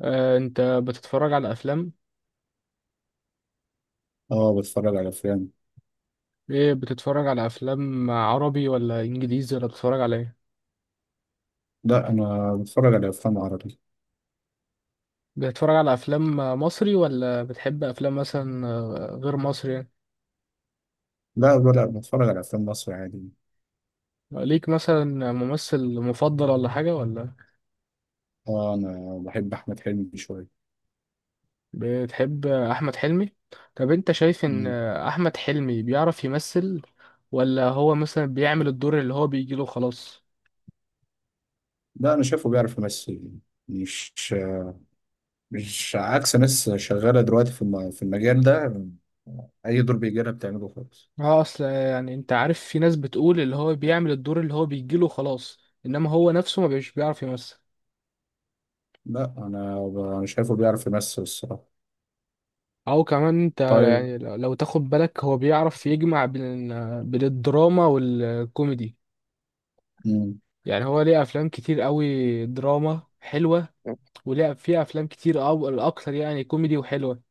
انت بتتفرج على افلام اه، بتفرج على افلام. ايه؟ بتتفرج على افلام عربي ولا انجليزي ولا بتتفرج على ايه؟ لا، انا بتفرج على افلام عربي. بتتفرج على افلام مصري ولا بتحب افلام مثلا غير مصري يعني؟ لا، لا، لا، بتفرج على افلام مصري عادي. ليك مثلا ممثل مفضل ولا حاجة ولا؟ اه، انا بحب احمد حلمي شويه. بتحب احمد حلمي؟ طب انت شايف ان مم. احمد حلمي بيعرف يمثل ولا هو مثلا بيعمل الدور اللي هو بيجيله خلاص؟ لا، انا شايفه بيعرف يمثل. مش مش عكس ناس شغاله دلوقتي في المجال ده، اي دور بيجي لها بتعمله خالص. اه، اصل يعني انت عارف في ناس بتقول اللي هو بيعمل الدور اللي هو بيجيله خلاص، انما هو نفسه ما بيش بيعرف يمثل. لا، أنا شايفه بيعرف يمثل الصراحه. او كمان انت طيب. يعني لو تاخد بالك هو بيعرف يجمع بين الدراما والكوميدي. مم. يعني هو ليه افلام كتير قوي دراما حلوه، وليه فيه افلام كتير او الاكثر يعني كوميدي وحلوه.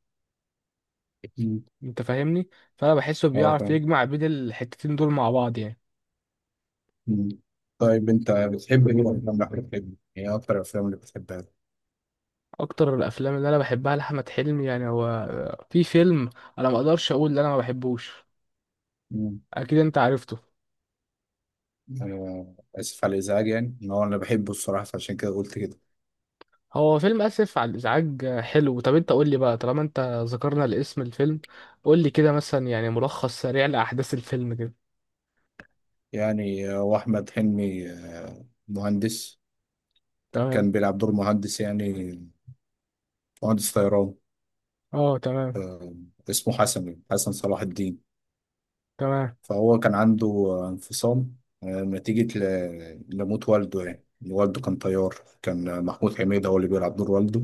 مم. انت فاهمني؟ فانا بحسه اه، بيعرف فاهم. يجمع بين الحتتين دول مع بعض يعني. مم. طيب انت بتحب ايه من افلام احمد حلمي؟ يعني ايه اكتر الافلام اللي بتحبها؟ اكتر الافلام اللي انا بحبها لاحمد حلمي يعني، هو في فيلم انا ما اقدرش اقول ان انا ما بحبوش، اكيد انت عرفته. آسف على الإزعاج، يعني إن هو أنا بحبه الصراحة، فعشان كده قلت كده. هو فيلم اسف على الازعاج. حلو. طب انت قول لي بقى، طالما انت ذكرنا الاسم الفيلم، قول لي كده مثلا يعني ملخص سريع لاحداث الفيلم كده. يعني وأحمد حلمي مهندس، تمام. كان بيلعب دور مهندس، يعني مهندس طيران. اه، تمام. آه، اسمه حسن، يعني حسن صلاح الدين. تمام، فهو كان عنده انفصام نتيجة لموت والده يعني. والده كان طيار، كان محمود حميدة هو اللي بيلعب دور والده.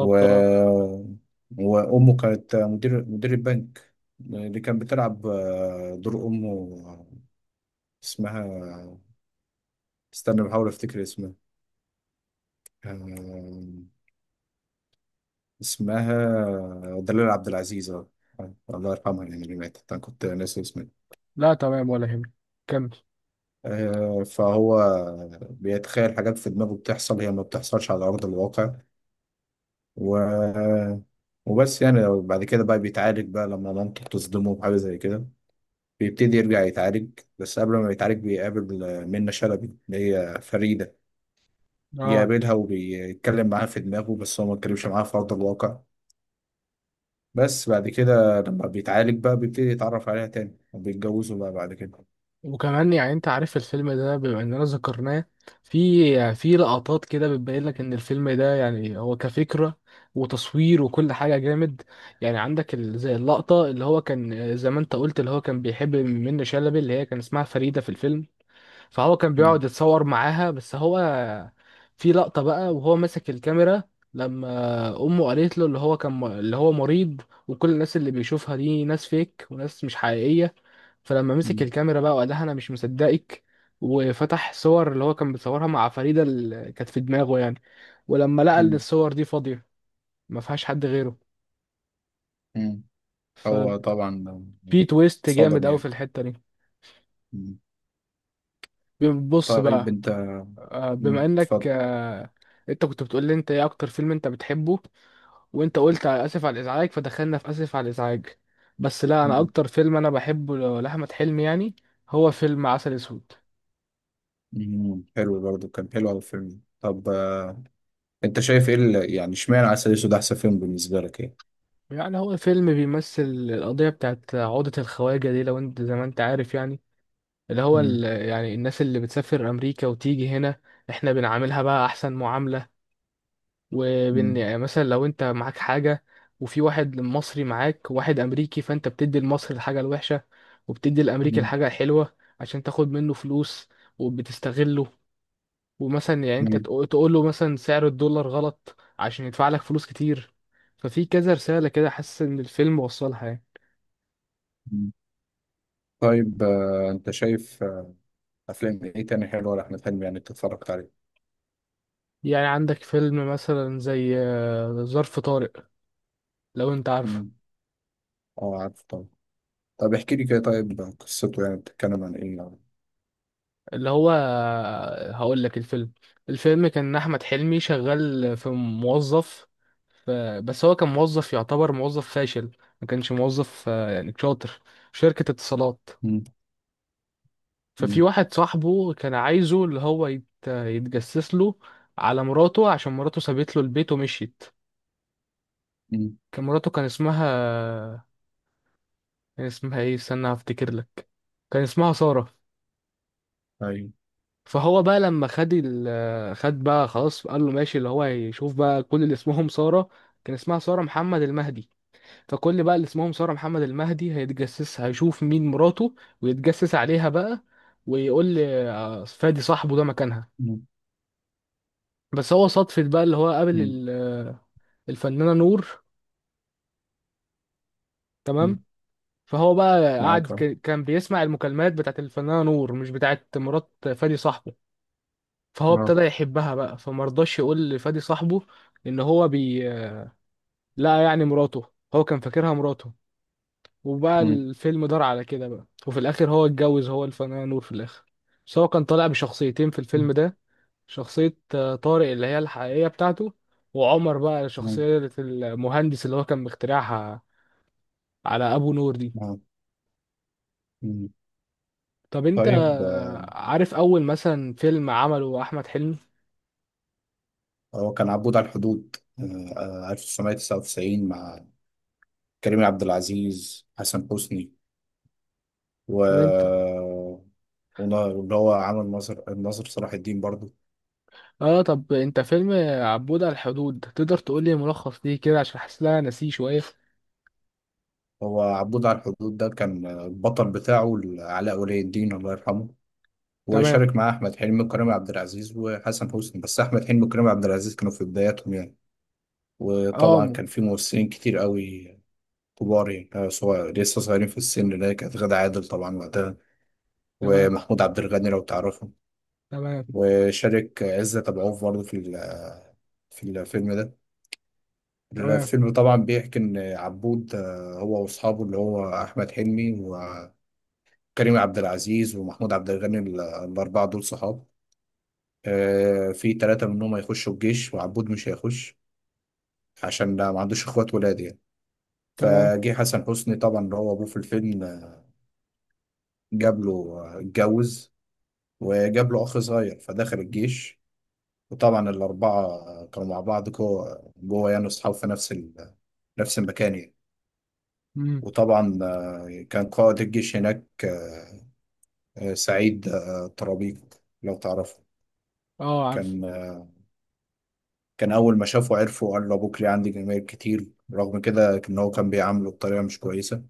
و... اه، وأمه كانت مدير البنك. اللي كان بتلعب دور أمه اسمها استنى بحاول افتكر اسمها. آم، اسمها دلال عبد العزيز، اه، الله يرحمها يعني، اللي ماتت انا كنت ناسي اسمها. لا، تمام ولا يهمك. كمل. فهو بيتخيل حاجات في دماغه بتحصل، هي ما بتحصلش على ارض الواقع. و وبس يعني بعد كده بقى بيتعالج، بقى لما مامته بتصدمه بحاجه زي كده بيبتدي يرجع يتعالج. بس قبل ما يتعالج بيقابل منة شلبي اللي هي فريدة، اه. بيقابلها وبيتكلم معاها في دماغه، بس هو ما اتكلمش معاها في أرض الواقع. بس بعد كده لما بيتعالج بقى بيبتدي يتعرف عليها تاني، وبيتجوزوا بقى بعد كده. وكمان يعني انت عارف الفيلم ده، بما اننا ذكرناه، في لقطات كده بتبين لك ان الفيلم ده يعني هو كفكرة وتصوير وكل حاجة جامد. يعني عندك زي اللقطة اللي هو كان، زي ما انت قلت، اللي هو كان بيحب منة شلبي اللي هي كان اسمها فريدة في الفيلم. فهو كان مم. بيقعد يتصور معاها، بس هو في لقطة بقى وهو ماسك الكاميرا، لما أمه قالت له اللي هو كان، اللي هو مريض، وكل الناس اللي بيشوفها دي ناس فيك وناس مش حقيقية. فلما مسك مم. الكاميرا بقى وقال لها أنا مش مصدقك، وفتح صور اللي هو كان بيصورها مع فريدة اللي كانت في دماغه يعني، ولما لقى إن مم. الصور دي فاضية، ما فيهاش حد غيره، مم. هو ففي طبعا تويست صدم جامد أوي يعني. في الحتة دي. مم. بص طيب بقى. انت. بما مم. انك، اتفضل. انت كنت بتقول لي انت ايه اكتر فيلم انت بتحبه، وانت قلت على اسف على الازعاج، فدخلنا في اسف على الازعاج. بس لا، انا مم. اكتر فيلم انا بحبه لاحمد حلمي يعني هو فيلم عسل اسود. مم. حلو برضه، كان حلو أوي الفيلم ده. طب انت شايف ايه يعني اشمعنى عسل اسود احسن فيلم بالنسبة لك يعني؟ يعني هو فيلم بيمثل القضيه بتاعت عقده الخواجه دي، لو انت زي ما انت عارف يعني. اللي هو مم. يعني الناس اللي بتسافر امريكا وتيجي هنا، احنا بنعاملها بقى احسن معامله. وبين مم. يعني مثلا، لو انت معاك حاجة وفي واحد مصري معاك وواحد امريكي، فانت بتدي المصري الحاجة الوحشة، وبتدي الامريكي مم. الحاجة الحلوة عشان تاخد منه فلوس، وبتستغله. ومثلا يعني انت مم. تقول له مثلا سعر الدولار غلط عشان يدفع لك فلوس كتير. ففي كذا رسالة كده حاسس ان الفيلم وصلها يعني. مم. طيب انت شايف افلام ايه تاني حلوة لأحمد حلمي، يعني انت اتفرجت عليه؟ يعني عندك فيلم مثلا زي ظرف طارق، لو انت عارفه. مم. اه، عارف طبعا. طب احكي لي كده، طيب قصته يعني بتتكلم عن ايه يعني؟ اللي هو، هقول لك الفيلم. الفيلم كان احمد حلمي شغال في موظف، ف- بس هو كان موظف يعتبر موظف فاشل، ما كانش موظف يعني شاطر، في شركة اتصالات. مم. ففي مم. واحد صاحبه كان عايزه اللي هو يتجسس له على مراته، عشان مراته سابت له البيت ومشيت. مم. كان مراته، كان اسمها ايه، استنى هفتكر لك. كان اسمها سارة. ايوه. فهو بقى لما خد خد بقى خلاص، قال له ماشي، اللي هو يشوف بقى كل اللي اسمهم سارة. كان اسمها سارة محمد المهدي. فكل بقى اللي اسمهم سارة محمد المهدي هيتجسس هيشوف مين مراته، ويتجسس عليها بقى، ويقول لي فادي صاحبه ده مكانها. مم. بس هو صدفة بقى اللي هو قابل مم. الفنانة نور. مم. تمام. فهو بقى قعد، معاك اهو. كان بيسمع المكالمات بتاعت الفنانة نور مش بتاعت مرات فادي صاحبه. فهو آه. ابتدى يحبها بقى، فمرضاش يقول لفادي صاحبه ان هو لا يعني مراته، هو كان فاكرها مراته. وبقى مم. الفيلم دار على كده بقى، وفي الاخر هو اتجوز هو الفنان نور في الاخر. بس هو كان طالع بشخصيتين في الفيلم ده. شخصية طارق اللي هي الحقيقية بتاعته، وعمر بقى مم. شخصية المهندس اللي هو كان مخترعها على أبو نور دي. آه. مم. طب أنت طيب عارف أول مثلا فيلم عمله أحمد حلمي؟ هو كان عبود على الحدود 1999 مع كريم عبد العزيز، حسن حسني، و طب أنت واللي هو عمل ناصر، الناصر صلاح الدين برضه. طب أنت فيلم عبود على الحدود تقدر تقول لي ملخص ليه كده؟ عشان حاسس إن أنا ناسيه شوية. هو عبود على الحدود ده كان البطل بتاعه علاء ولي الدين الله يرحمه، تمام. وشارك مع احمد حلمي وكريم عبد العزيز وحسن حسني، بس احمد حلمي وكريم عبد العزيز كانوا في بداياتهم يعني. آه وطبعا م- كان في ممثلين كتير قوي كبار، يعني لسه صغيرين في السن، اللي هي كانت غادة عادل طبعا وقتها، تمام. ومحمود عبد الغني لو تعرفه، تمام. وشارك عزت أبو عوف برضه في الفيلم ده. تمام. الفيلم طبعا بيحكي ان عبود هو واصحابه اللي هو احمد حلمي وكريم عبد العزيز ومحمود عبد الغني، الاربعه دول صحاب. في ثلاثة منهم هيخشوا الجيش وعبود مش هيخش، عشان ده ما عندوش اخوات ولاد يعني. تمام. فجه حسن حسني طبعا اللي هو ابوه في الفيلم، آه، جاب له آه، اتجوز وجاب له اخ صغير فدخل الجيش. وطبعا الاربعة كانوا مع بعض جوه جوه يعني، اصحاب في نفس المكان يعني. مم. وطبعا كان قائد الجيش هناك سعيد طرابيق، لو تعرفه. اه، عارف. كان كان أول ما شافه عرفه وقال له أبوك ليه عندي جماهير كتير، رغم كده كان هو كان بيعامله بطريقة مش كويسة.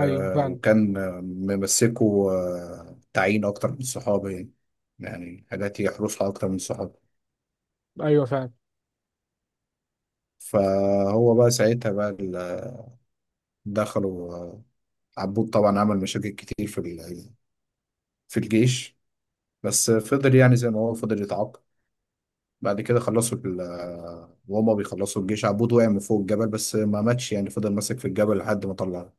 ايوه، فعلا. وكان ممسكه تعيين أكتر من الصحابة يعني، يعني حاجات يحرسها أكتر من الصحابة. ايوه، فعلا. فهو بقى ساعتها بقى دخلوا، عبود طبعا عمل مشاكل كتير في الجيش، بس فضل يعني زي ما هو فضل يتعاقب. بعد كده خلصوا وهما بيخلصوا الجيش عبود وقع من فوق الجبل بس ما ماتش يعني، فضل ماسك في الجبل لحد ما طلعه.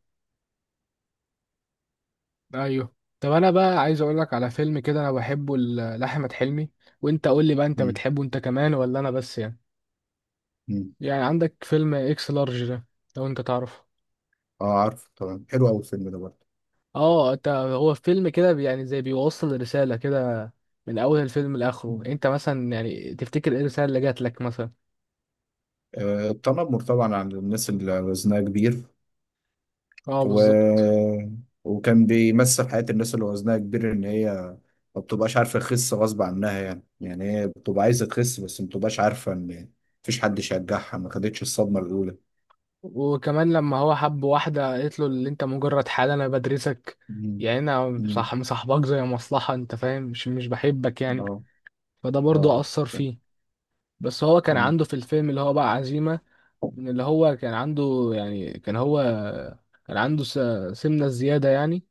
ايوه. طب انا بقى عايز اقول لك على فيلم كده انا بحبه لاحمد حلمي، وانت قول لي بقى انت مم. بتحبه انت كمان ولا انا بس يعني. مم. يعني عندك فيلم اكس لارج ده، لو انت تعرفه. اه، عارف طبعا، حلو قوي الفيلم ده برضه. اه، انت هو فيلم كده يعني زي بيوصل رسالة كده من اول الفيلم لاخره. مم. انت مثلا يعني تفتكر ايه الرسالة اللي جات لك مثلا؟ التنمر طبعا على الناس اللي وزنها كبير. اه، و... بالظبط. وكان بيمثل حياة الناس اللي وزنها كبير، ان هي ما بتبقاش عارفة تخس غصب عنها، يعني هي بتبقى عايزة تخس بس ما بتبقاش عارفة ان مفيش حد يشجعها، ما خدتش الصدمة الأولى. وكمان لما هو حب واحدة قالت له اللي انت مجرد حال انا بدرسك، مم. يعني انا مم. صح مصاحبك زي مصلحة، انت فاهم، مش بحبك يعني. اه. فده برضه اه. أثر فيه. بس هو كان مم. عنده في الفيلم اللي هو بقى عزيمة، من اللي هو كان عنده يعني. كان هو كان عنده سمنة زيادة يعني.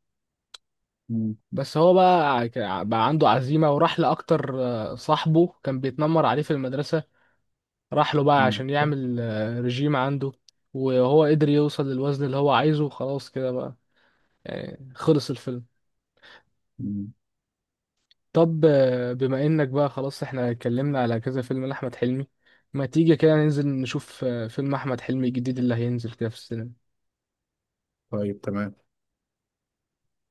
مم. بس هو بقى بقى عنده عزيمة وراح لأكتر. صاحبه كان بيتنمر عليه في المدرسة. راح له بقى مم. عشان يعمل رجيم عنده. وهو قدر يوصل للوزن اللي هو عايزه، وخلاص كده بقى يعني خلص الفيلم. مم. طب، بما انك بقى خلاص احنا اتكلمنا على كذا فيلم لأحمد حلمي، ما تيجي كده ننزل نشوف فيلم أحمد حلمي الجديد اللي هينزل كده في السينما؟ طيب تمام.